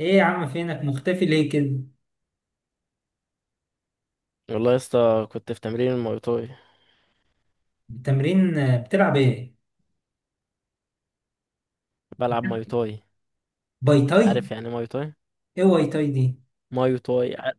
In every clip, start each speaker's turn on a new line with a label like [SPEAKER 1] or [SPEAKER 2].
[SPEAKER 1] ايه يا عم، فينك مختفي ليه كده؟
[SPEAKER 2] والله يا اسطى، كنت في تمرين الماي تاي.
[SPEAKER 1] التمرين، بتلعب ايه؟
[SPEAKER 2] بلعب ماي تاي.
[SPEAKER 1] باي تاي؟
[SPEAKER 2] عارف يعني إيه ماي تاي؟
[SPEAKER 1] ايه واي تاي دي؟
[SPEAKER 2] ماي تاي ع-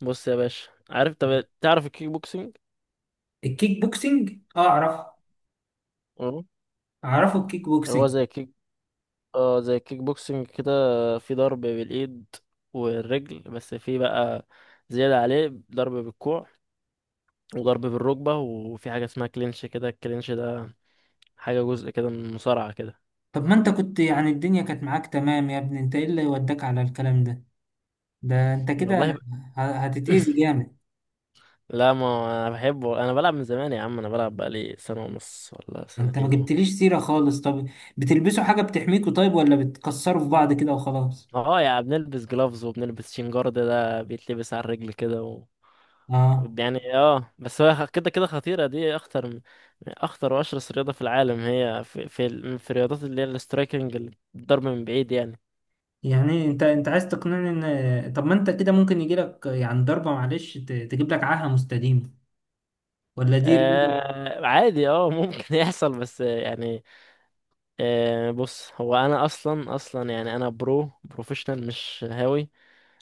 [SPEAKER 2] بص يا باشا، عارف؟ طب تعرف الكيك بوكسينج؟
[SPEAKER 1] الكيك بوكسينج، اه، اعرفه.
[SPEAKER 2] اه،
[SPEAKER 1] اعرفه الكيك
[SPEAKER 2] هو
[SPEAKER 1] بوكسينج.
[SPEAKER 2] زي الكيك. اه، زي الكيك بوكسينج كده. في ضرب بالايد والرجل بس، في بقى زيادة عليه ضرب بالكوع وضرب بالركبة. وفي حاجة اسمها كلينش كده، الكلينش ده حاجة جزء كده من المصارعة كده.
[SPEAKER 1] طب ما انت كنت يعني الدنيا كانت معاك تمام يا ابني، انت ايه اللي وداك على الكلام ده؟ ده انت
[SPEAKER 2] والله ب...
[SPEAKER 1] كده، هتتأذي جامد.
[SPEAKER 2] لا، ما هو انا بحبه. انا بلعب من زمان يا عم. انا بلعب بقالي سنة ونص ولا
[SPEAKER 1] انت ما
[SPEAKER 2] سنتين اهو.
[SPEAKER 1] جبتليش سيرة خالص. طب، بتلبسوا حاجة بتحميكوا طيب ولا بتكسروا في بعض كده وخلاص؟
[SPEAKER 2] اه يعني، بنلبس جلافز، وبنلبس شنجارد ده بيتلبس على الرجل
[SPEAKER 1] اه.
[SPEAKER 2] يعني. اه بس هو كده كده خطيرة، دي اخطر من، اخطر واشرس رياضة في العالم. هي في، في الرياضات اللي هي السترايكنج، الضرب من بعيد يعني.
[SPEAKER 1] يعني انت عايز تقنعني ان، طب ما انت كده ممكن يجيلك يعني ضربة، معلش تجيب لك عاهة مستديمة، ولا دي رياضة؟
[SPEAKER 2] آه عادي، اه ممكن يحصل، بس يعني آه. بص، هو انا اصلا يعني، انا بروفيشنال، مش هاوي.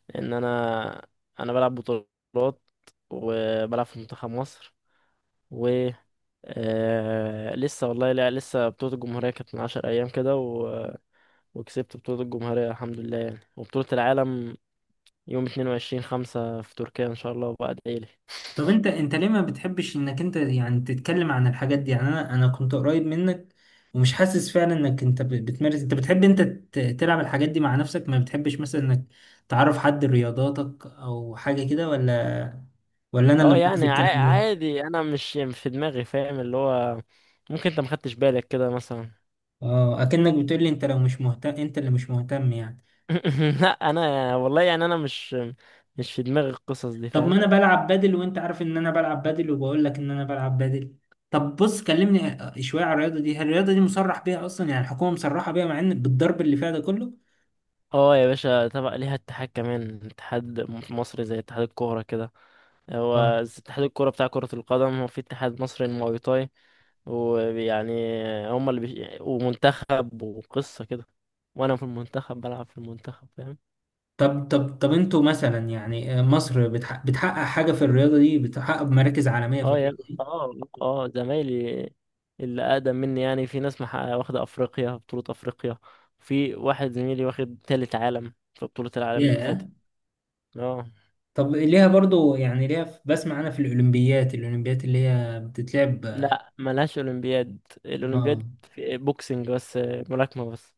[SPEAKER 2] لان انا، انا بلعب بطولات، وبلعب في منتخب مصر. آه لسه، والله لا، لسه بطولة الجمهورية كانت من عشر أيام وكسبت بطولة الجمهورية الحمد لله يعني. وبطولة العالم يوم اتنين وعشرين خمسة في تركيا إن شاء الله، وبعد إيلي.
[SPEAKER 1] طب انت ليه ما بتحبش انك انت يعني تتكلم عن الحاجات دي؟ يعني انا كنت قريب منك ومش حاسس فعلا انك انت بتمارس. انت بتحب انت تلعب الحاجات دي مع نفسك، ما بتحبش مثلا انك تعرف حد رياضاتك او حاجة كده، ولا انا اللي مركز الكلام ده؟
[SPEAKER 2] عادي، أنا مش في دماغي، فاهم؟ اللي هو ممكن أنت مخدتش بالك كده مثلا.
[SPEAKER 1] اه، اكنك بتقول لي انت لو مش مهتم، انت اللي مش مهتم يعني.
[SPEAKER 2] لا أنا والله يعني، أنا مش في دماغي القصص دي،
[SPEAKER 1] طب ما
[SPEAKER 2] فاهم؟
[SPEAKER 1] انا بلعب بادل، وانت عارف ان انا بلعب بادل، وبقول لك ان انا بلعب بادل. طب بص، كلمني شوية على الرياضة دي. هل الرياضة دي مصرح بيها اصلا؟ يعني الحكومة مصرحة بيها مع ان بالضرب اللي فيها ده كله؟
[SPEAKER 2] اه يا باشا، تبع ليها اتحاد كمان، اتحاد مصري زي اتحاد الكورة كده. هو
[SPEAKER 1] اه.
[SPEAKER 2] اتحاد الكرة بتاع كرة القدم، هو في اتحاد مصري للمواي تاي، ويعني هما ومنتخب وقصة كده. وانا في المنتخب، بلعب في المنتخب، فاهم؟
[SPEAKER 1] طب انتوا مثلا يعني مصر بتحقق حاجة في الرياضة دي، بتحقق مراكز عالمية في
[SPEAKER 2] اه يا
[SPEAKER 1] الرياضة دي؟
[SPEAKER 2] اه اه زمايلي اللي اقدم مني يعني، في ناس محققة، واخدة افريقيا، بطولة افريقيا. في واحد زميلي واخد تالت عالم في بطولة العالم اللي فاتت.
[SPEAKER 1] ياه.
[SPEAKER 2] اه.
[SPEAKER 1] طب ليها برضو يعني، ليها بسمع انا في الأولمبيات اللي هي بتتلعب.
[SPEAKER 2] لا ملهاش اولمبياد،
[SPEAKER 1] اه،
[SPEAKER 2] الاولمبياد في بوكسنج بس، ملاكمة بس،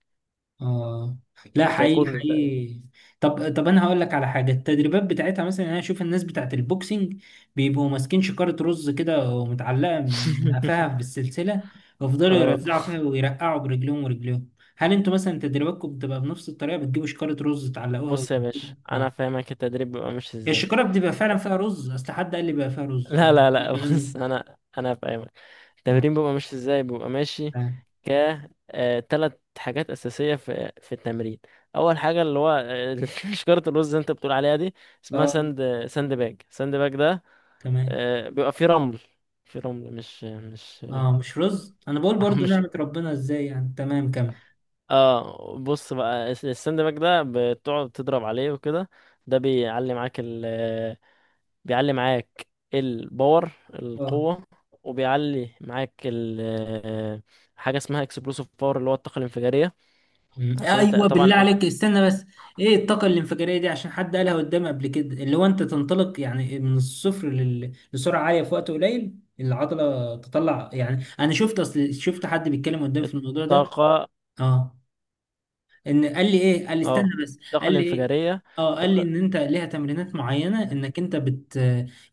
[SPEAKER 1] اه. لا، حقيقي
[SPEAKER 2] وتايكوندو تقريبا.
[SPEAKER 1] حقيقي. طب انا هقول لك على حاجه. التدريبات بتاعتها مثلا، انا اشوف الناس بتاعت البوكسنج بيبقوا ماسكين شكاره رز كده، ومتعلقه من قفاها بالسلسله، ويفضلوا
[SPEAKER 2] اه
[SPEAKER 1] يرزعوا فيها ويرقعوا برجليهم ورجليهم. هل انتوا مثلا تدريباتكم بتبقى بنفس الطريقه؟ بتجيبوا شكاره رز تعلقوها و...
[SPEAKER 2] بص يا باشا، انا
[SPEAKER 1] اه،
[SPEAKER 2] فاهمك، التدريب بيبقى ماشي
[SPEAKER 1] هي
[SPEAKER 2] ازاي.
[SPEAKER 1] الشكاره بتبقى فعلا فيها رز؟ اصل حد قال لي بقى فيها رز
[SPEAKER 2] لا
[SPEAKER 1] وقال لي
[SPEAKER 2] لا لا،
[SPEAKER 1] بيشتغلني.
[SPEAKER 2] بص، انا انا فاهمك،
[SPEAKER 1] اه،
[SPEAKER 2] التمرين بيبقى ماشي ازاي، بيبقى ماشي.
[SPEAKER 1] اه.
[SPEAKER 2] ك تلات حاجات اساسيه في التمرين. اول حاجه اللي هو شجره الرز اللي انت بتقول عليها دي، اسمها
[SPEAKER 1] آه،
[SPEAKER 2] ساند، ساند باج ده
[SPEAKER 1] تمام.
[SPEAKER 2] بيبقى فيه رمل. في رمل، مش
[SPEAKER 1] اه، مش رز. انا بقول برضو
[SPEAKER 2] مش.
[SPEAKER 1] نعمه ربنا ازاي يعني. تمام، كمل.
[SPEAKER 2] اه، بص بقى الساند باج ده، بتقعد تضرب عليه وكده. ده بيعلي معاك الباور،
[SPEAKER 1] اه.
[SPEAKER 2] القوة. وبيعلي معاك ال، آه، حاجة اسمها اكسبلوسيف باور، اللي هو الطاقة الانفجارية.
[SPEAKER 1] مم.
[SPEAKER 2] عشان انت
[SPEAKER 1] ايوه، بالله
[SPEAKER 2] طبعا
[SPEAKER 1] عليك استنى بس. ايه الطاقه الانفجاريه دي؟ عشان حد قالها قدامي قبل كده، اللي هو انت تنطلق يعني من الصفر لسرعه عاليه في وقت قليل، العضله تطلع. يعني انا شفت، اصل شفت حد بيتكلم قدام في الموضوع ده.
[SPEAKER 2] الطاقة،
[SPEAKER 1] اه، ان قال لي ايه؟ قال لي استنى
[SPEAKER 2] اه
[SPEAKER 1] بس،
[SPEAKER 2] الطاقة
[SPEAKER 1] قال لي ايه؟
[SPEAKER 2] الانفجارية،
[SPEAKER 1] اه، قال لي
[SPEAKER 2] الطاقة.
[SPEAKER 1] ان انت ليها تمرينات معينه، انك انت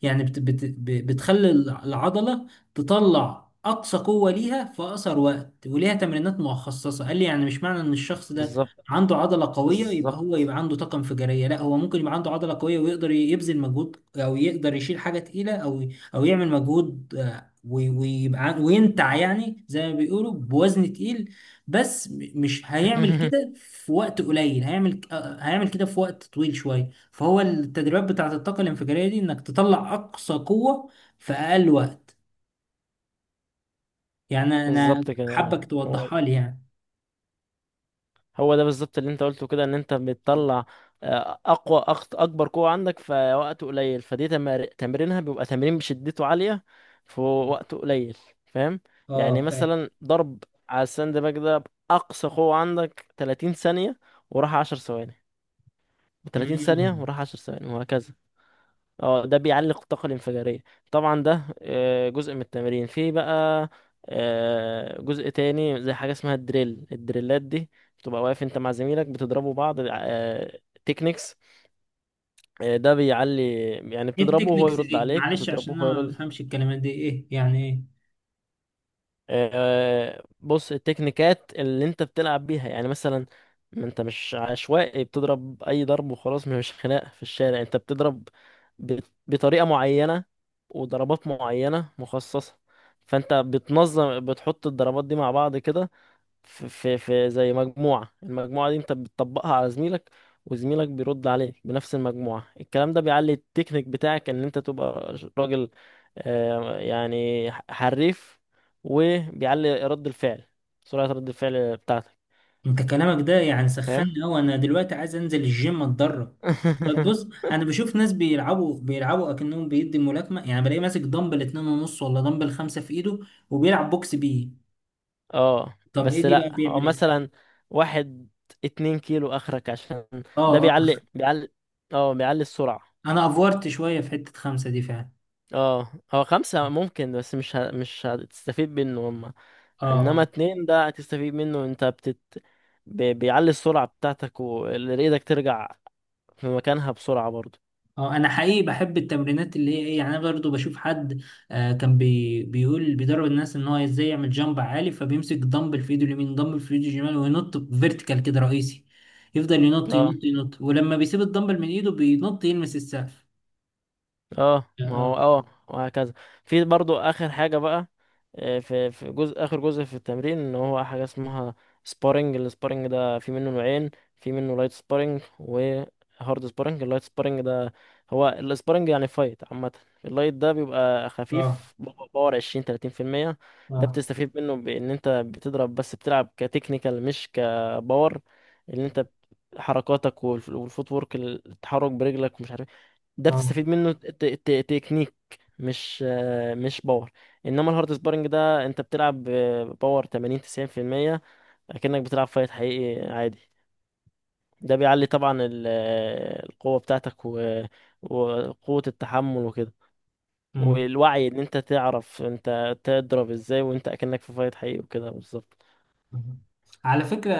[SPEAKER 1] يعني بتخلي العضله تطلع اقصى قوه ليها في اقصر وقت، وليها تمرينات مخصصه. قال لي يعني مش معنى ان الشخص ده
[SPEAKER 2] بالظبط،
[SPEAKER 1] عنده عضله قويه يبقى
[SPEAKER 2] بالظبط.
[SPEAKER 1] هو يبقى عنده طاقه انفجاريه. لا، هو ممكن يبقى عنده عضله قويه ويقدر يبذل مجهود، او يقدر يشيل حاجه تقيله، او يعمل مجهود، ويبقى وينتع يعني زي ما بيقولوا بوزن تقيل، بس مش هيعمل كده في وقت قليل، هيعمل كده في وقت طويل شوية. فهو التدريبات بتاعة الطاقة الانفجارية دي، انك تطلع اقصى قوة في اقل وقت. يعني انا
[SPEAKER 2] بالظبط كده.
[SPEAKER 1] حابك
[SPEAKER 2] اه، هو
[SPEAKER 1] توضحها لي يعني.
[SPEAKER 2] هو ده بالظبط اللي انت قلته كده، ان انت بتطلع اكبر قوة عندك في وقت قليل. تمرينها بيبقى تمرين بشدته عالية في وقت قليل، فاهم؟ يعني
[SPEAKER 1] اه، فاهم.
[SPEAKER 2] مثلا، ضرب على الساند باج ده بأقصى قوة عندك 30 ثانية، وراح 10 ثواني، 30 ثانية
[SPEAKER 1] مم.
[SPEAKER 2] وراح 10 ثواني، وهكذا. اه ده بيعلق الطاقة الانفجارية. طبعا ده جزء من التمرين. في بقى جزء تاني، زي حاجة اسمها الدريل، الدريلات دي بتبقى واقف انت مع زميلك بتضربوا بعض، تكنيكس. ده بيعلي، يعني
[SPEAKER 1] ايه
[SPEAKER 2] بتضربه وهو
[SPEAKER 1] التكنيكس
[SPEAKER 2] يرد
[SPEAKER 1] دي؟
[SPEAKER 2] عليك،
[SPEAKER 1] معلش
[SPEAKER 2] وتضربه
[SPEAKER 1] عشان
[SPEAKER 2] وهو
[SPEAKER 1] انا ما
[SPEAKER 2] يرد.
[SPEAKER 1] بفهمش الكلمات دي، ايه يعني ايه؟
[SPEAKER 2] بص، التكنيكات اللي انت بتلعب بيها يعني، مثلا، ما انت مش عشوائي بتضرب اي ضرب وخلاص، مش خناق في الشارع. انت بتضرب ب- بطريقة معينة، وضربات معينة مخصصة. فانت بتنظم، بتحط الضربات دي مع بعض كده، في زي مجموعة. المجموعة دي انت بتطبقها على زميلك، وزميلك بيرد عليك بنفس المجموعة. الكلام ده بيعلي التكنيك بتاعك، ان انت تبقى راجل يعني حريف. وبيعلي رد الفعل، سرعة رد الفعل بتاعتك.
[SPEAKER 1] انت كلامك ده يعني
[SPEAKER 2] فاهم؟
[SPEAKER 1] سخنني قوي، انا دلوقتي عايز انزل الجيم اتدرب. طب بص، انا بشوف ناس بيلعبوا اكنهم بيدي ملاكمه، يعني بلاقي ماسك دمبل 2.5 ولا دمبل 5 في ايده، وبيلعب بوكس بيه.
[SPEAKER 2] اه
[SPEAKER 1] طب ايه
[SPEAKER 2] بس
[SPEAKER 1] دي بقى؟
[SPEAKER 2] لا، هو
[SPEAKER 1] بيعمل ايه؟
[SPEAKER 2] مثلا، واحد اتنين كيلو اخرك، عشان ده
[SPEAKER 1] اه،
[SPEAKER 2] بيعلي
[SPEAKER 1] اه،
[SPEAKER 2] بيعلي اه بيعلي السرعة.
[SPEAKER 1] انا افورت شويه في حته 5 دي فعلا.
[SPEAKER 2] اه هو خمسة ممكن، بس مش ه... مش هتستفيد منه هما.
[SPEAKER 1] اه،
[SPEAKER 2] انما
[SPEAKER 1] اه،
[SPEAKER 2] اتنين ده هتستفيد منه، انت بيعلي السرعة بتاعتك، اللي ايدك ترجع في مكانها بسرعة برضه.
[SPEAKER 1] اه. انا حقيقي بحب التمرينات اللي هي ايه، يعني انا برضه بشوف حد كان بيقول بيدرب الناس ان هو ازاي يعمل جامب عالي، فبيمسك دمبل في ايده اليمين، دمبل في ايده الشمال، وينط فيرتيكال كده رئيسي، يفضل ينط ينط ينط، ولما بيسيب الدمبل من ايده بينط يلمس السقف.
[SPEAKER 2] اه ما هو
[SPEAKER 1] اه،
[SPEAKER 2] اه، وهكذا. في برضو اخر حاجه بقى، في جزء اخر، جزء في التمرين، ان هو حاجه اسمها سبارنج. السبارنج ده في منه نوعين، في منه لايت سبارنج وهارد سبارنج. اللايت سبارنج ده، هو السبارنج يعني فايت عامه. اللايت ده بيبقى
[SPEAKER 1] اه،
[SPEAKER 2] خفيف، باور 20، 30%. ده
[SPEAKER 1] اه،
[SPEAKER 2] بتستفيد منه بان انت بتضرب، بس بتلعب كتكنيكال مش كباور، ان انت حركاتك والفوت وورك، التحرك برجلك ومش عارف. ده
[SPEAKER 1] اه.
[SPEAKER 2] بتستفيد منه تكنيك، مش مش باور. انما الهارد سبارنج ده، انت بتلعب باور 80، 90%، اكنك بتلعب فايت حقيقي عادي. ده بيعلي طبعا القوة بتاعتك، وقوة التحمل وكده.
[SPEAKER 1] مم.
[SPEAKER 2] والوعي ان انت تعرف انت تضرب ازاي، وانت اكنك في فايت حقيقي وكده بالظبط.
[SPEAKER 1] مهم. على فكرة،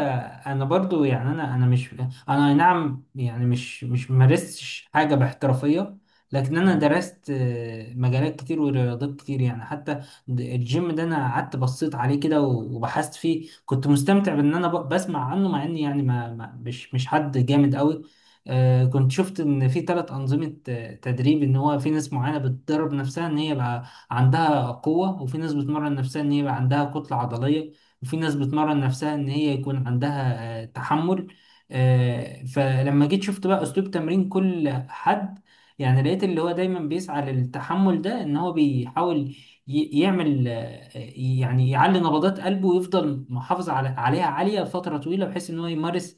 [SPEAKER 1] أنا برضو يعني أنا مش، أنا أي نعم يعني مش مارستش حاجة باحترافية، لكن أنا
[SPEAKER 2] مم.
[SPEAKER 1] درست مجالات كتير ورياضات كتير، يعني حتى الجيم ده، أنا قعدت بصيت عليه كده وبحثت فيه، كنت مستمتع بإن أنا بسمع عنه، مع إني يعني مش حد جامد قوي. كنت شفت إن في ثلاث أنظمة تدريب، إن هو في ناس معينة بتدرب نفسها إن هي بقى عندها قوة، وفي ناس بتمرن نفسها إن هي بقى عندها كتلة عضلية، وفي ناس بتمرن نفسها ان هي يكون عندها تحمل. فلما جيت شفت بقى اسلوب تمرين كل حد. يعني لقيت اللي هو دايما بيسعى للتحمل ده، ان هو بيحاول يعمل يعني يعلي نبضات قلبه ويفضل محافظ عليها عالية لفترة طويلة، بحيث ان هو يمارس،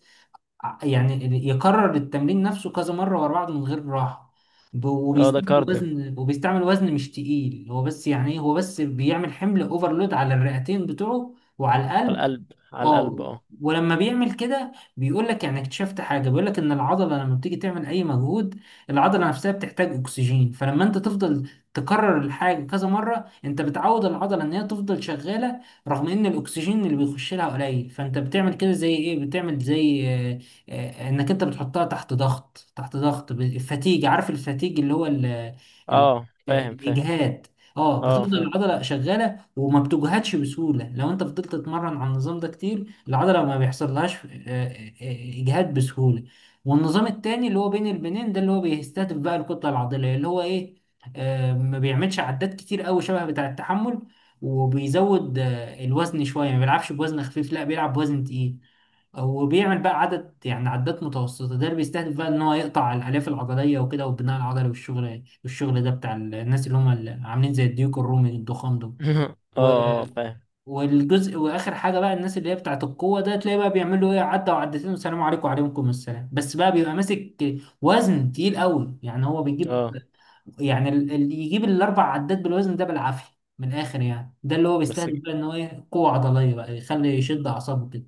[SPEAKER 1] يعني يكرر التمرين نفسه كذا مرة ورا بعض من غير راحة،
[SPEAKER 2] اه ده
[SPEAKER 1] وبيستعمل
[SPEAKER 2] كارديو،
[SPEAKER 1] وزن وبيستعمل وزن مش تقيل. هو بس يعني هو بس بيعمل حمل اوفرلود على الرئتين بتوعه وعلى
[SPEAKER 2] على
[SPEAKER 1] القلب.
[SPEAKER 2] القلب، على القلب
[SPEAKER 1] اه،
[SPEAKER 2] اه.
[SPEAKER 1] ولما بيعمل كده بيقول لك يعني اكتشفت حاجه، بيقول لك ان العضله لما بتيجي تعمل اي مجهود، العضله نفسها بتحتاج اكسجين. فلما انت تفضل تكرر الحاجه كذا مره، انت بتعود العضله ان هي تفضل شغاله رغم ان الاكسجين اللي بيخش لها قليل. فانت بتعمل كده زي ايه، بتعمل زي انك انت بتحطها تحت ضغط الفتيج، عارف الفتيج اللي هو ال ال
[SPEAKER 2] اه
[SPEAKER 1] آه،
[SPEAKER 2] فاهم، فاهم.
[SPEAKER 1] الاجهاد. اه،
[SPEAKER 2] اه
[SPEAKER 1] بتفضل
[SPEAKER 2] فاهم.
[SPEAKER 1] العضله شغاله وما بتجهدش بسهولة. لو انت فضلت تتمرن على النظام ده كتير، العضلة ما بيحصلهاش اجهاد بسهولة. والنظام التاني اللي هو بين البنين ده، اللي هو بيستهدف بقى الكتلة العضلية، اللي هو ايه، ما بيعملش عدات كتير قوي شبه بتاع التحمل، وبيزود الوزن شوية، ما بيلعبش بوزن خفيف، لا بيلعب بوزن تقيل، وبيعمل بقى عدد يعني عدات متوسطة. ده اللي بيستهدف بقى ان هو يقطع الالياف العضلية وكده، والبناء العضلي، والشغل ده بتاع الناس اللي هم اللي عاملين زي الديوك الرومي الضخام دول.
[SPEAKER 2] اه، اه فاهم.
[SPEAKER 1] والجزء واخر حاجه بقى، الناس اللي هي بتاعت القوه ده، تلاقي بقى بيعملوا ايه، عدى وعدتين والسلام عليكم وعليكم السلام، بس بقى بيبقى ماسك وزن تقيل قوي. يعني هو بيجيب
[SPEAKER 2] اه
[SPEAKER 1] يعني اللي يجيب الاربع عدات بالوزن ده بالعافيه من الاخر، يعني ده اللي هو
[SPEAKER 2] بس
[SPEAKER 1] بيستهدف بقى ان هو ايه، قوه عضليه، بقى يخلي يشد اعصابه كده،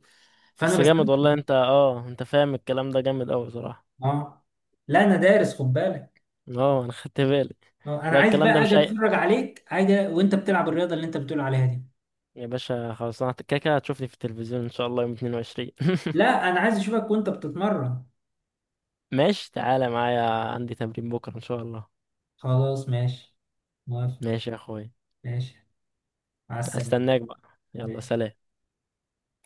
[SPEAKER 1] فانا
[SPEAKER 2] بس
[SPEAKER 1] بستمتع
[SPEAKER 2] جامد والله،
[SPEAKER 1] بيه.
[SPEAKER 2] انت اه انت فاهم الكلام ده جامد اوي صراحة.
[SPEAKER 1] اه، لا انا دارس، خد بالك.
[SPEAKER 2] اه انا خدت بالي.
[SPEAKER 1] انا
[SPEAKER 2] لا
[SPEAKER 1] عايز
[SPEAKER 2] الكلام ده
[SPEAKER 1] بقى
[SPEAKER 2] مش
[SPEAKER 1] اجي
[SPEAKER 2] اي،
[SPEAKER 1] اتفرج عليك حاجه وانت بتلعب الرياضه اللي انت بتقول عليها دي.
[SPEAKER 2] يا باشا خلاص، انا كده كده هتشوفني في التلفزيون ان شاء الله يوم 22.
[SPEAKER 1] لا، انا عايز اشوفك وانت بتتمرن.
[SPEAKER 2] ماشي تعالى معايا، عندي تمرين بكرة ان شاء الله.
[SPEAKER 1] خلاص، ماشي. موافق.
[SPEAKER 2] ماشي يا اخوي.
[SPEAKER 1] ماشي. مع السلامة.
[SPEAKER 2] استناك بقى، يلا
[SPEAKER 1] ماشي.
[SPEAKER 2] سلام.